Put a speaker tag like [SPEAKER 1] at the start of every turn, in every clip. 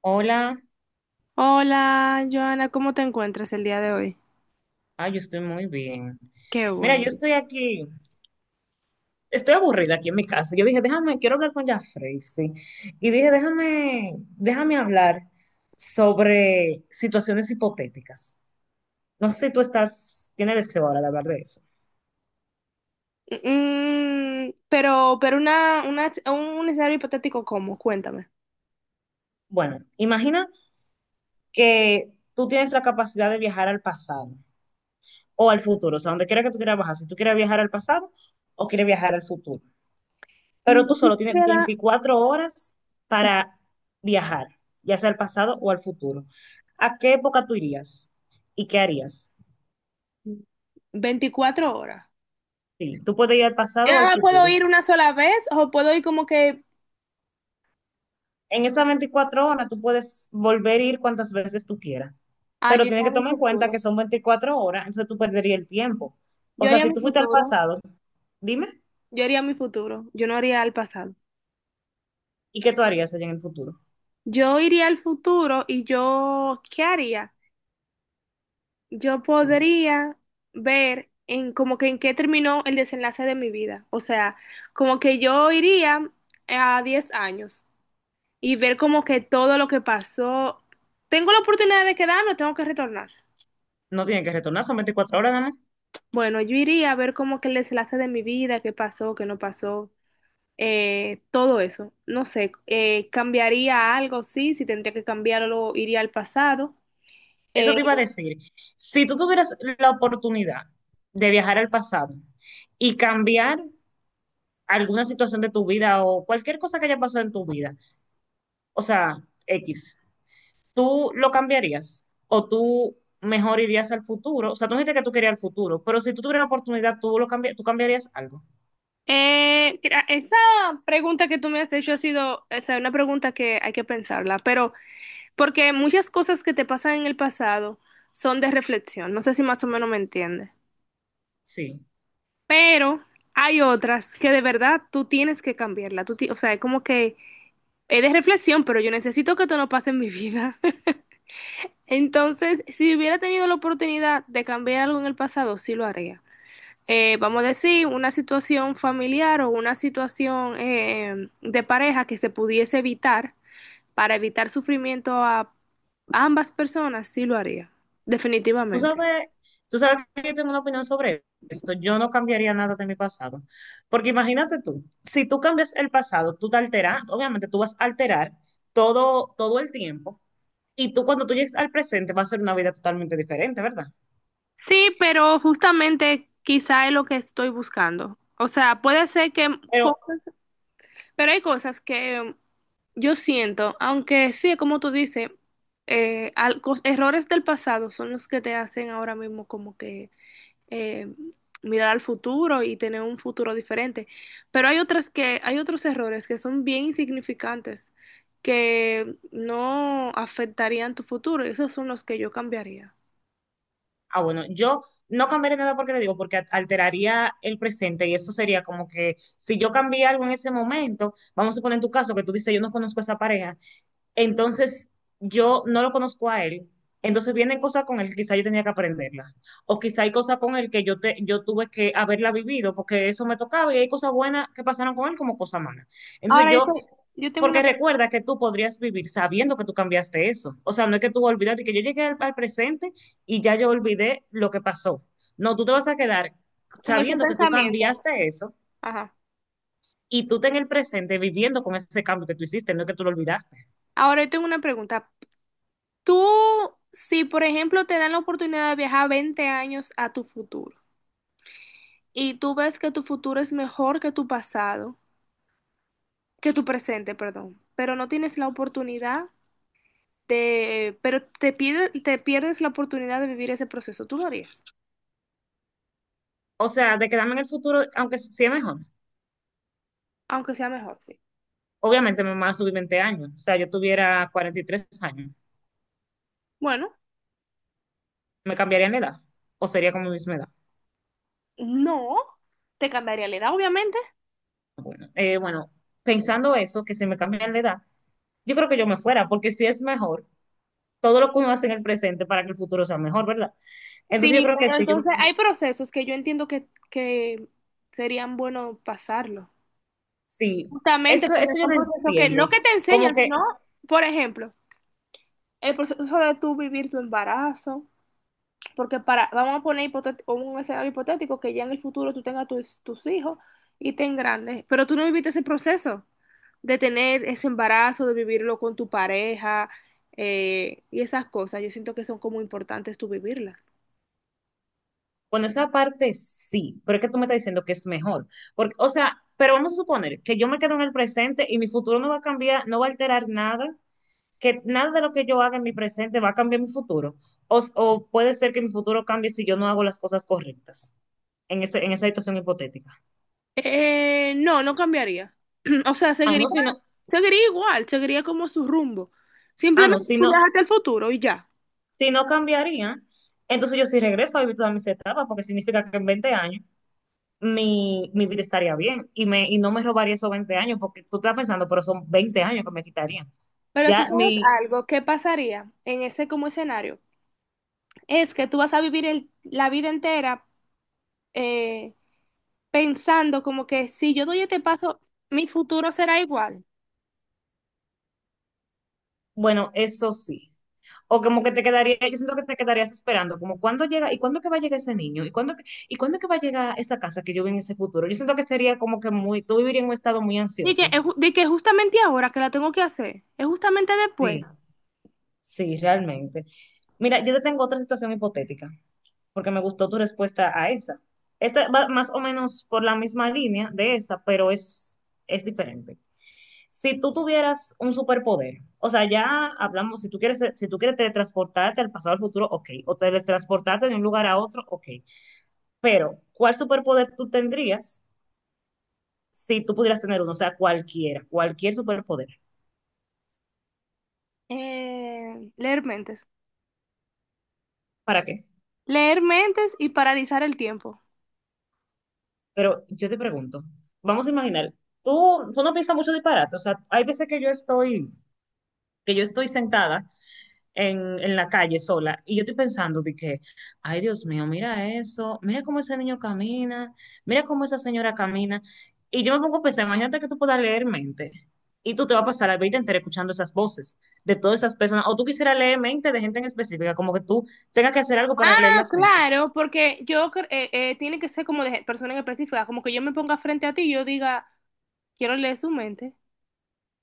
[SPEAKER 1] Hola.
[SPEAKER 2] Hola, Joana, ¿cómo te encuentras el día de hoy?
[SPEAKER 1] Yo estoy muy bien.
[SPEAKER 2] Qué
[SPEAKER 1] Mira, yo
[SPEAKER 2] bueno.
[SPEAKER 1] estoy aquí, estoy aburrida aquí en mi casa. Yo dije, déjame, quiero hablar con Jafrey, sí. Y dije, déjame hablar sobre situaciones hipotéticas. No sé si tú estás, tienes deseo ahora de hablar de eso.
[SPEAKER 2] Pero un escenario hipotético, ¿cómo? Cuéntame.
[SPEAKER 1] Bueno, imagina que tú tienes la capacidad de viajar al pasado o al futuro, o sea, donde quiera que tú quieras viajar, si tú quieres viajar al pasado o quieres viajar al futuro.
[SPEAKER 2] Mm,
[SPEAKER 1] Pero tú
[SPEAKER 2] yo
[SPEAKER 1] solo tienes
[SPEAKER 2] quisiera
[SPEAKER 1] 24 horas para viajar, ya sea al pasado o al futuro. ¿A qué época tú irías? ¿Y qué harías?
[SPEAKER 2] 24 horas.
[SPEAKER 1] Sí, tú puedes ir al
[SPEAKER 2] Yo
[SPEAKER 1] pasado o
[SPEAKER 2] nada
[SPEAKER 1] al
[SPEAKER 2] más puedo
[SPEAKER 1] futuro.
[SPEAKER 2] ir una sola vez o puedo ir como que,
[SPEAKER 1] En esas 24 horas tú puedes volver a ir cuantas veces tú quieras,
[SPEAKER 2] yo
[SPEAKER 1] pero tienes
[SPEAKER 2] iría a
[SPEAKER 1] que
[SPEAKER 2] mi
[SPEAKER 1] tomar en cuenta que
[SPEAKER 2] futuro.
[SPEAKER 1] son 24 horas, entonces tú perderías el tiempo. O
[SPEAKER 2] Yo
[SPEAKER 1] sea,
[SPEAKER 2] haría
[SPEAKER 1] si
[SPEAKER 2] mi
[SPEAKER 1] tú fuiste al
[SPEAKER 2] futuro.
[SPEAKER 1] pasado, dime,
[SPEAKER 2] Yo haría mi futuro. Yo no haría al pasado.
[SPEAKER 1] ¿y qué tú harías allá en el futuro?
[SPEAKER 2] Yo iría al futuro y yo, ¿qué haría? Yo
[SPEAKER 1] Sí.
[SPEAKER 2] podría ver en como que en qué terminó el desenlace de mi vida. O sea, como que yo iría a 10 años y ver como que todo lo que pasó. ¿Tengo la oportunidad de quedarme o tengo que retornar?
[SPEAKER 1] No tiene que retornar, son 24 horas nada más.
[SPEAKER 2] Bueno, yo iría a ver como que el desenlace de mi vida, qué pasó, qué no pasó, todo eso. No sé, ¿cambiaría algo? Sí, si tendría que cambiarlo, iría al pasado.
[SPEAKER 1] Eso
[SPEAKER 2] Eh,
[SPEAKER 1] te iba a decir. Si tú tuvieras la oportunidad de viajar al pasado y cambiar alguna situación de tu vida o cualquier cosa que haya pasado en tu vida, o sea, X, ¿tú lo cambiarías? ¿O tú mejor irías al futuro? O sea, tú dijiste que tú querías al futuro, pero si tú tuvieras la oportunidad, ¿tú, lo cambi- tú cambiarías algo?
[SPEAKER 2] Esa pregunta que tú me has hecho ha sido, o sea, una pregunta que hay que pensarla, pero porque muchas cosas que te pasan en el pasado son de reflexión, no sé si más o menos me entiendes,
[SPEAKER 1] Sí.
[SPEAKER 2] pero hay otras que de verdad tú tienes que cambiarla, o sea, es como que es de reflexión, pero yo necesito que esto no pase en mi vida. Entonces, si hubiera tenido la oportunidad de cambiar algo en el pasado, sí lo haría. Vamos a decir, una situación familiar o una situación de pareja que se pudiese evitar para evitar sufrimiento a ambas personas, sí lo haría,
[SPEAKER 1] Tú
[SPEAKER 2] definitivamente.
[SPEAKER 1] sabes, tú sabes que yo tengo una opinión sobre eso. Yo no cambiaría nada de mi pasado. Porque imagínate tú, si tú cambias el pasado, tú te alteras, obviamente tú vas a alterar todo, todo el tiempo. Y tú cuando tú llegues al presente va a ser una vida totalmente diferente, ¿verdad?
[SPEAKER 2] Sí, pero justamente quizá es lo que estoy buscando. O sea, puede ser
[SPEAKER 1] Pero,
[SPEAKER 2] cosas, pero hay cosas que yo siento, aunque sí, como tú dices, errores del pasado son los que te hacen ahora mismo como que eh, mirar al futuro y tener un futuro diferente. Pero hay otras que, hay otros errores que son bien insignificantes, que no afectarían tu futuro, y esos son los que yo cambiaría.
[SPEAKER 1] bueno, yo no cambiaría nada porque te digo, porque alteraría el presente y eso sería como que si yo cambié algo en ese momento, vamos a poner en tu caso que tú dices, yo no conozco a esa pareja. Entonces, yo no lo conozco a él. Entonces vienen cosas con él que quizá yo tenía que aprenderlas. O quizá hay cosas con él que yo, te, yo tuve que haberla vivido porque eso me tocaba y hay cosas buenas que pasaron con él como cosas malas. Entonces
[SPEAKER 2] Ahora yo,
[SPEAKER 1] yo,
[SPEAKER 2] te- yo tengo una
[SPEAKER 1] porque
[SPEAKER 2] pregunta,
[SPEAKER 1] recuerda que tú podrías vivir sabiendo que tú cambiaste eso. O sea, no es que tú olvidaste que yo llegué al, al presente y ya yo olvidé lo que pasó. No, tú te vas a quedar
[SPEAKER 2] con ese
[SPEAKER 1] sabiendo que tú
[SPEAKER 2] pensamiento.
[SPEAKER 1] cambiaste eso
[SPEAKER 2] Ajá.
[SPEAKER 1] y tú te en el presente viviendo con ese cambio que tú hiciste, no es que tú lo olvidaste.
[SPEAKER 2] Ahora yo tengo una pregunta. Tú, si por ejemplo te dan la oportunidad de viajar 20 años a tu futuro y tú ves que tu futuro es mejor que tu pasado, que tu presente, perdón, pero no tienes la oportunidad te pierdes la oportunidad de vivir ese proceso. ¿Tú lo harías,
[SPEAKER 1] O sea, de quedarme en el futuro, aunque sí es mejor.
[SPEAKER 2] aunque sea mejor? Sí.
[SPEAKER 1] Obviamente me van a subir 20 años. O sea, yo tuviera 43 años.
[SPEAKER 2] Bueno,
[SPEAKER 1] ¿Me cambiaría la edad? ¿O sería como mi misma edad?
[SPEAKER 2] no, te cambiaría la edad, obviamente.
[SPEAKER 1] Bueno, bueno, pensando eso, que si me cambian la edad, yo creo que yo me fuera, porque si es mejor, todo lo que uno hace en el presente para que el futuro sea mejor, ¿verdad? Entonces yo
[SPEAKER 2] Sí,
[SPEAKER 1] creo que
[SPEAKER 2] pero
[SPEAKER 1] sí, yo,
[SPEAKER 2] entonces hay procesos que yo entiendo que serían buenos pasarlo.
[SPEAKER 1] sí,
[SPEAKER 2] Justamente porque
[SPEAKER 1] eso yo
[SPEAKER 2] son
[SPEAKER 1] lo
[SPEAKER 2] procesos que no
[SPEAKER 1] entiendo.
[SPEAKER 2] que te
[SPEAKER 1] Como
[SPEAKER 2] enseñan, sino,
[SPEAKER 1] que
[SPEAKER 2] por ejemplo, el proceso de tú vivir tu embarazo. Porque para, vamos a poner un escenario hipotético que ya en el futuro tú tengas tus hijos y te grandes, pero tú no viviste ese proceso de tener ese embarazo, de vivirlo con tu pareja y esas cosas. Yo siento que son como importantes tú vivirlas.
[SPEAKER 1] bueno, esa parte sí, pero es que tú me estás diciendo que es mejor. Porque, o sea, pero vamos a suponer que yo me quedo en el presente y mi futuro no va a cambiar, no va a alterar nada, que nada de lo que yo haga en mi presente va a cambiar mi futuro. O puede ser que mi futuro cambie si yo no hago las cosas correctas en, ese, en esa situación hipotética.
[SPEAKER 2] No, no cambiaría. O sea,
[SPEAKER 1] Ah,
[SPEAKER 2] seguiría,
[SPEAKER 1] no, si no,
[SPEAKER 2] seguiría igual, seguiría como su rumbo.
[SPEAKER 1] ah, no,
[SPEAKER 2] Simplemente
[SPEAKER 1] si
[SPEAKER 2] tú
[SPEAKER 1] no,
[SPEAKER 2] viajaste al futuro y ya.
[SPEAKER 1] si no cambiaría, entonces yo sí regreso a vivir todas mis etapas, porque significa que en 20 años mi, mi vida estaría bien y, me, y no me robaría esos 20 años, porque tú estás pensando, pero son 20 años que me quitarían.
[SPEAKER 2] Pero tú
[SPEAKER 1] Ya
[SPEAKER 2] sabes
[SPEAKER 1] mi,
[SPEAKER 2] algo, ¿qué pasaría en ese como escenario? Es que tú vas a vivir la vida entera eh, pensando como que si yo doy este paso, mi futuro será igual.
[SPEAKER 1] bueno, eso sí. O como que te quedaría, yo siento que te quedarías esperando, como cuándo llega, y cuándo que va a llegar ese niño, y cuándo que va a llegar esa casa que yo vi en ese futuro. Yo siento que sería como que muy, tú vivirías en un estado muy ansioso.
[SPEAKER 2] De que justamente ahora que la tengo que hacer, es justamente después.
[SPEAKER 1] Sí, sí, realmente. Mira, yo te tengo otra situación hipotética, porque me gustó tu respuesta a esa. Esta va más o menos por la misma línea de esa, pero es diferente. Si tú tuvieras un superpoder, o sea, ya hablamos, si tú quieres, si tú quieres teletransportarte al pasado al futuro, ok, o teletransportarte de un lugar a otro, ok, pero ¿cuál superpoder tú tendrías si tú pudieras tener uno? O sea, cualquiera, cualquier superpoder.
[SPEAKER 2] Leer mentes.
[SPEAKER 1] ¿Para qué?
[SPEAKER 2] Leer mentes y paralizar el tiempo.
[SPEAKER 1] Pero yo te pregunto, vamos a imaginar, tú no piensas mucho disparate, o sea, hay veces que yo estoy sentada en la calle sola. Y yo estoy pensando de que, ay Dios mío, mira eso, mira cómo ese niño camina, mira cómo esa señora camina. Y yo me pongo a pensar, imagínate que tú puedas leer mente. Y tú te vas a pasar la vida entera escuchando esas voces de todas esas personas. O tú quisieras leer mente de gente en específica, como que tú tengas que hacer algo para leer
[SPEAKER 2] Ah,
[SPEAKER 1] las mentes.
[SPEAKER 2] claro, porque tiene que ser como de persona en específica, como que yo me ponga frente a ti y yo diga, quiero leer su mente.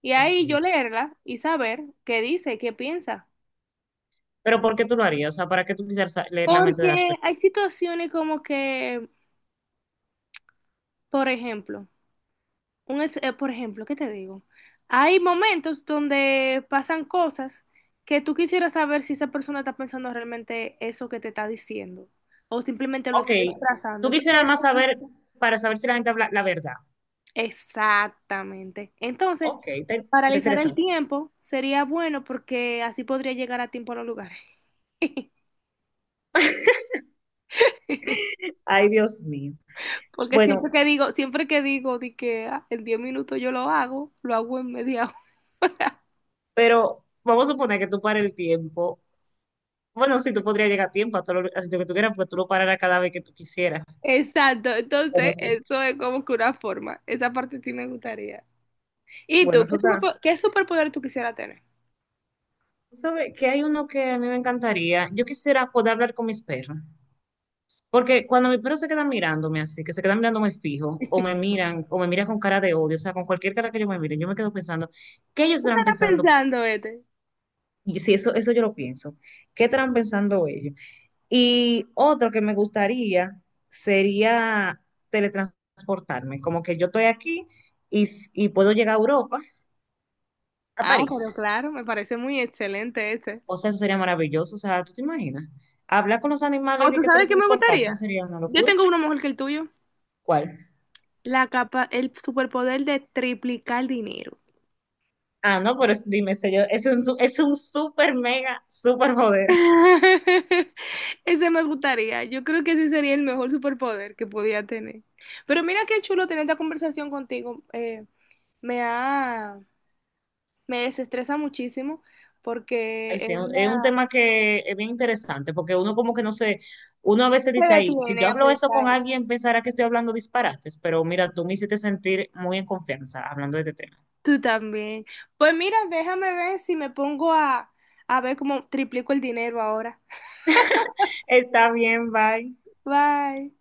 [SPEAKER 2] Y ahí yo
[SPEAKER 1] Ok.
[SPEAKER 2] leerla y saber qué dice, qué piensa.
[SPEAKER 1] Pero ¿por qué tú lo harías? O sea, ¿para qué tú quisieras sa- leer la mente de las
[SPEAKER 2] Porque
[SPEAKER 1] personas?
[SPEAKER 2] hay situaciones como que, por ejemplo, por ejemplo, ¿qué te digo? Hay momentos donde pasan cosas que tú quisieras saber si esa persona está pensando realmente eso que te está diciendo o simplemente lo
[SPEAKER 1] Ok.
[SPEAKER 2] está disfrazando.
[SPEAKER 1] Tú quisieras
[SPEAKER 2] Entonces,
[SPEAKER 1] más saber para saber si la gente habla la verdad.
[SPEAKER 2] exactamente. Entonces,
[SPEAKER 1] Ok, te
[SPEAKER 2] paralizar
[SPEAKER 1] interesa.
[SPEAKER 2] el tiempo sería bueno porque así podría llegar a tiempo a los lugares.
[SPEAKER 1] Ay, Dios mío.
[SPEAKER 2] Porque
[SPEAKER 1] Bueno,
[SPEAKER 2] siempre que digo de que ah, en 10 minutos yo lo hago en media.
[SPEAKER 1] pero vamos a suponer que tú pares el tiempo. Bueno, sí, tú podrías llegar a tiempo a todo lo, a sitio que tú quieras, porque tú lo pararás cada vez que tú quisieras.
[SPEAKER 2] Exacto, entonces
[SPEAKER 1] Bueno, sí.
[SPEAKER 2] eso es como que una forma. Esa parte sí me gustaría. ¿Y
[SPEAKER 1] Bueno,
[SPEAKER 2] tú?
[SPEAKER 1] eso está.
[SPEAKER 2] ¿Qué superpoder tú quisieras tener?
[SPEAKER 1] Tú sabes que hay uno que a mí me encantaría. Yo quisiera poder hablar con mis perros. Porque cuando mis perros se quedan mirándome así, que se quedan mirándome fijo,
[SPEAKER 2] ¿Qué
[SPEAKER 1] o me miran con cara de odio, o sea, con cualquier cara que yo me mire, yo me quedo pensando, ¿qué ellos estarán
[SPEAKER 2] estará
[SPEAKER 1] pensando?
[SPEAKER 2] pensando este?
[SPEAKER 1] Y si eso, eso yo lo pienso, ¿qué estarán pensando ellos? Y otro que me gustaría sería teletransportarme, como que yo estoy aquí y, s- y puedo llegar a Europa, a
[SPEAKER 2] Ah,
[SPEAKER 1] París.
[SPEAKER 2] pero claro, me parece muy excelente este.
[SPEAKER 1] O sea, eso sería maravilloso. O sea, ¿tú te imaginas? Hablar con los animales
[SPEAKER 2] ¿O
[SPEAKER 1] y de
[SPEAKER 2] tú
[SPEAKER 1] que
[SPEAKER 2] sabes qué me
[SPEAKER 1] teletransportarse eso
[SPEAKER 2] gustaría?
[SPEAKER 1] sería una
[SPEAKER 2] Yo
[SPEAKER 1] locura.
[SPEAKER 2] tengo uno mejor que el tuyo.
[SPEAKER 1] ¿Cuál?
[SPEAKER 2] La capa, el superpoder de triplicar dinero.
[SPEAKER 1] Ah, no, pero es- dime, sé yo, es un, su- es un super mega super poder.
[SPEAKER 2] Ese me gustaría. Yo creo que ese sería el mejor superpoder que podía tener. Pero mira qué chulo tener esta conversación contigo. Me ha Me desestresa muchísimo porque
[SPEAKER 1] Ay,
[SPEAKER 2] es
[SPEAKER 1] sí, es un
[SPEAKER 2] una...
[SPEAKER 1] tema que es bien interesante porque uno como que no sé, uno a veces
[SPEAKER 2] Me
[SPEAKER 1] dice, ay, si
[SPEAKER 2] detiene
[SPEAKER 1] yo
[SPEAKER 2] a
[SPEAKER 1] hablo eso
[SPEAKER 2] pensar.
[SPEAKER 1] con alguien pensará que estoy hablando disparates, pero mira, tú me hiciste sentir muy en confianza hablando de este tema.
[SPEAKER 2] Tú también. Pues mira, déjame ver si me pongo a ver cómo triplico el dinero ahora.
[SPEAKER 1] Está bien, bye.
[SPEAKER 2] Bye.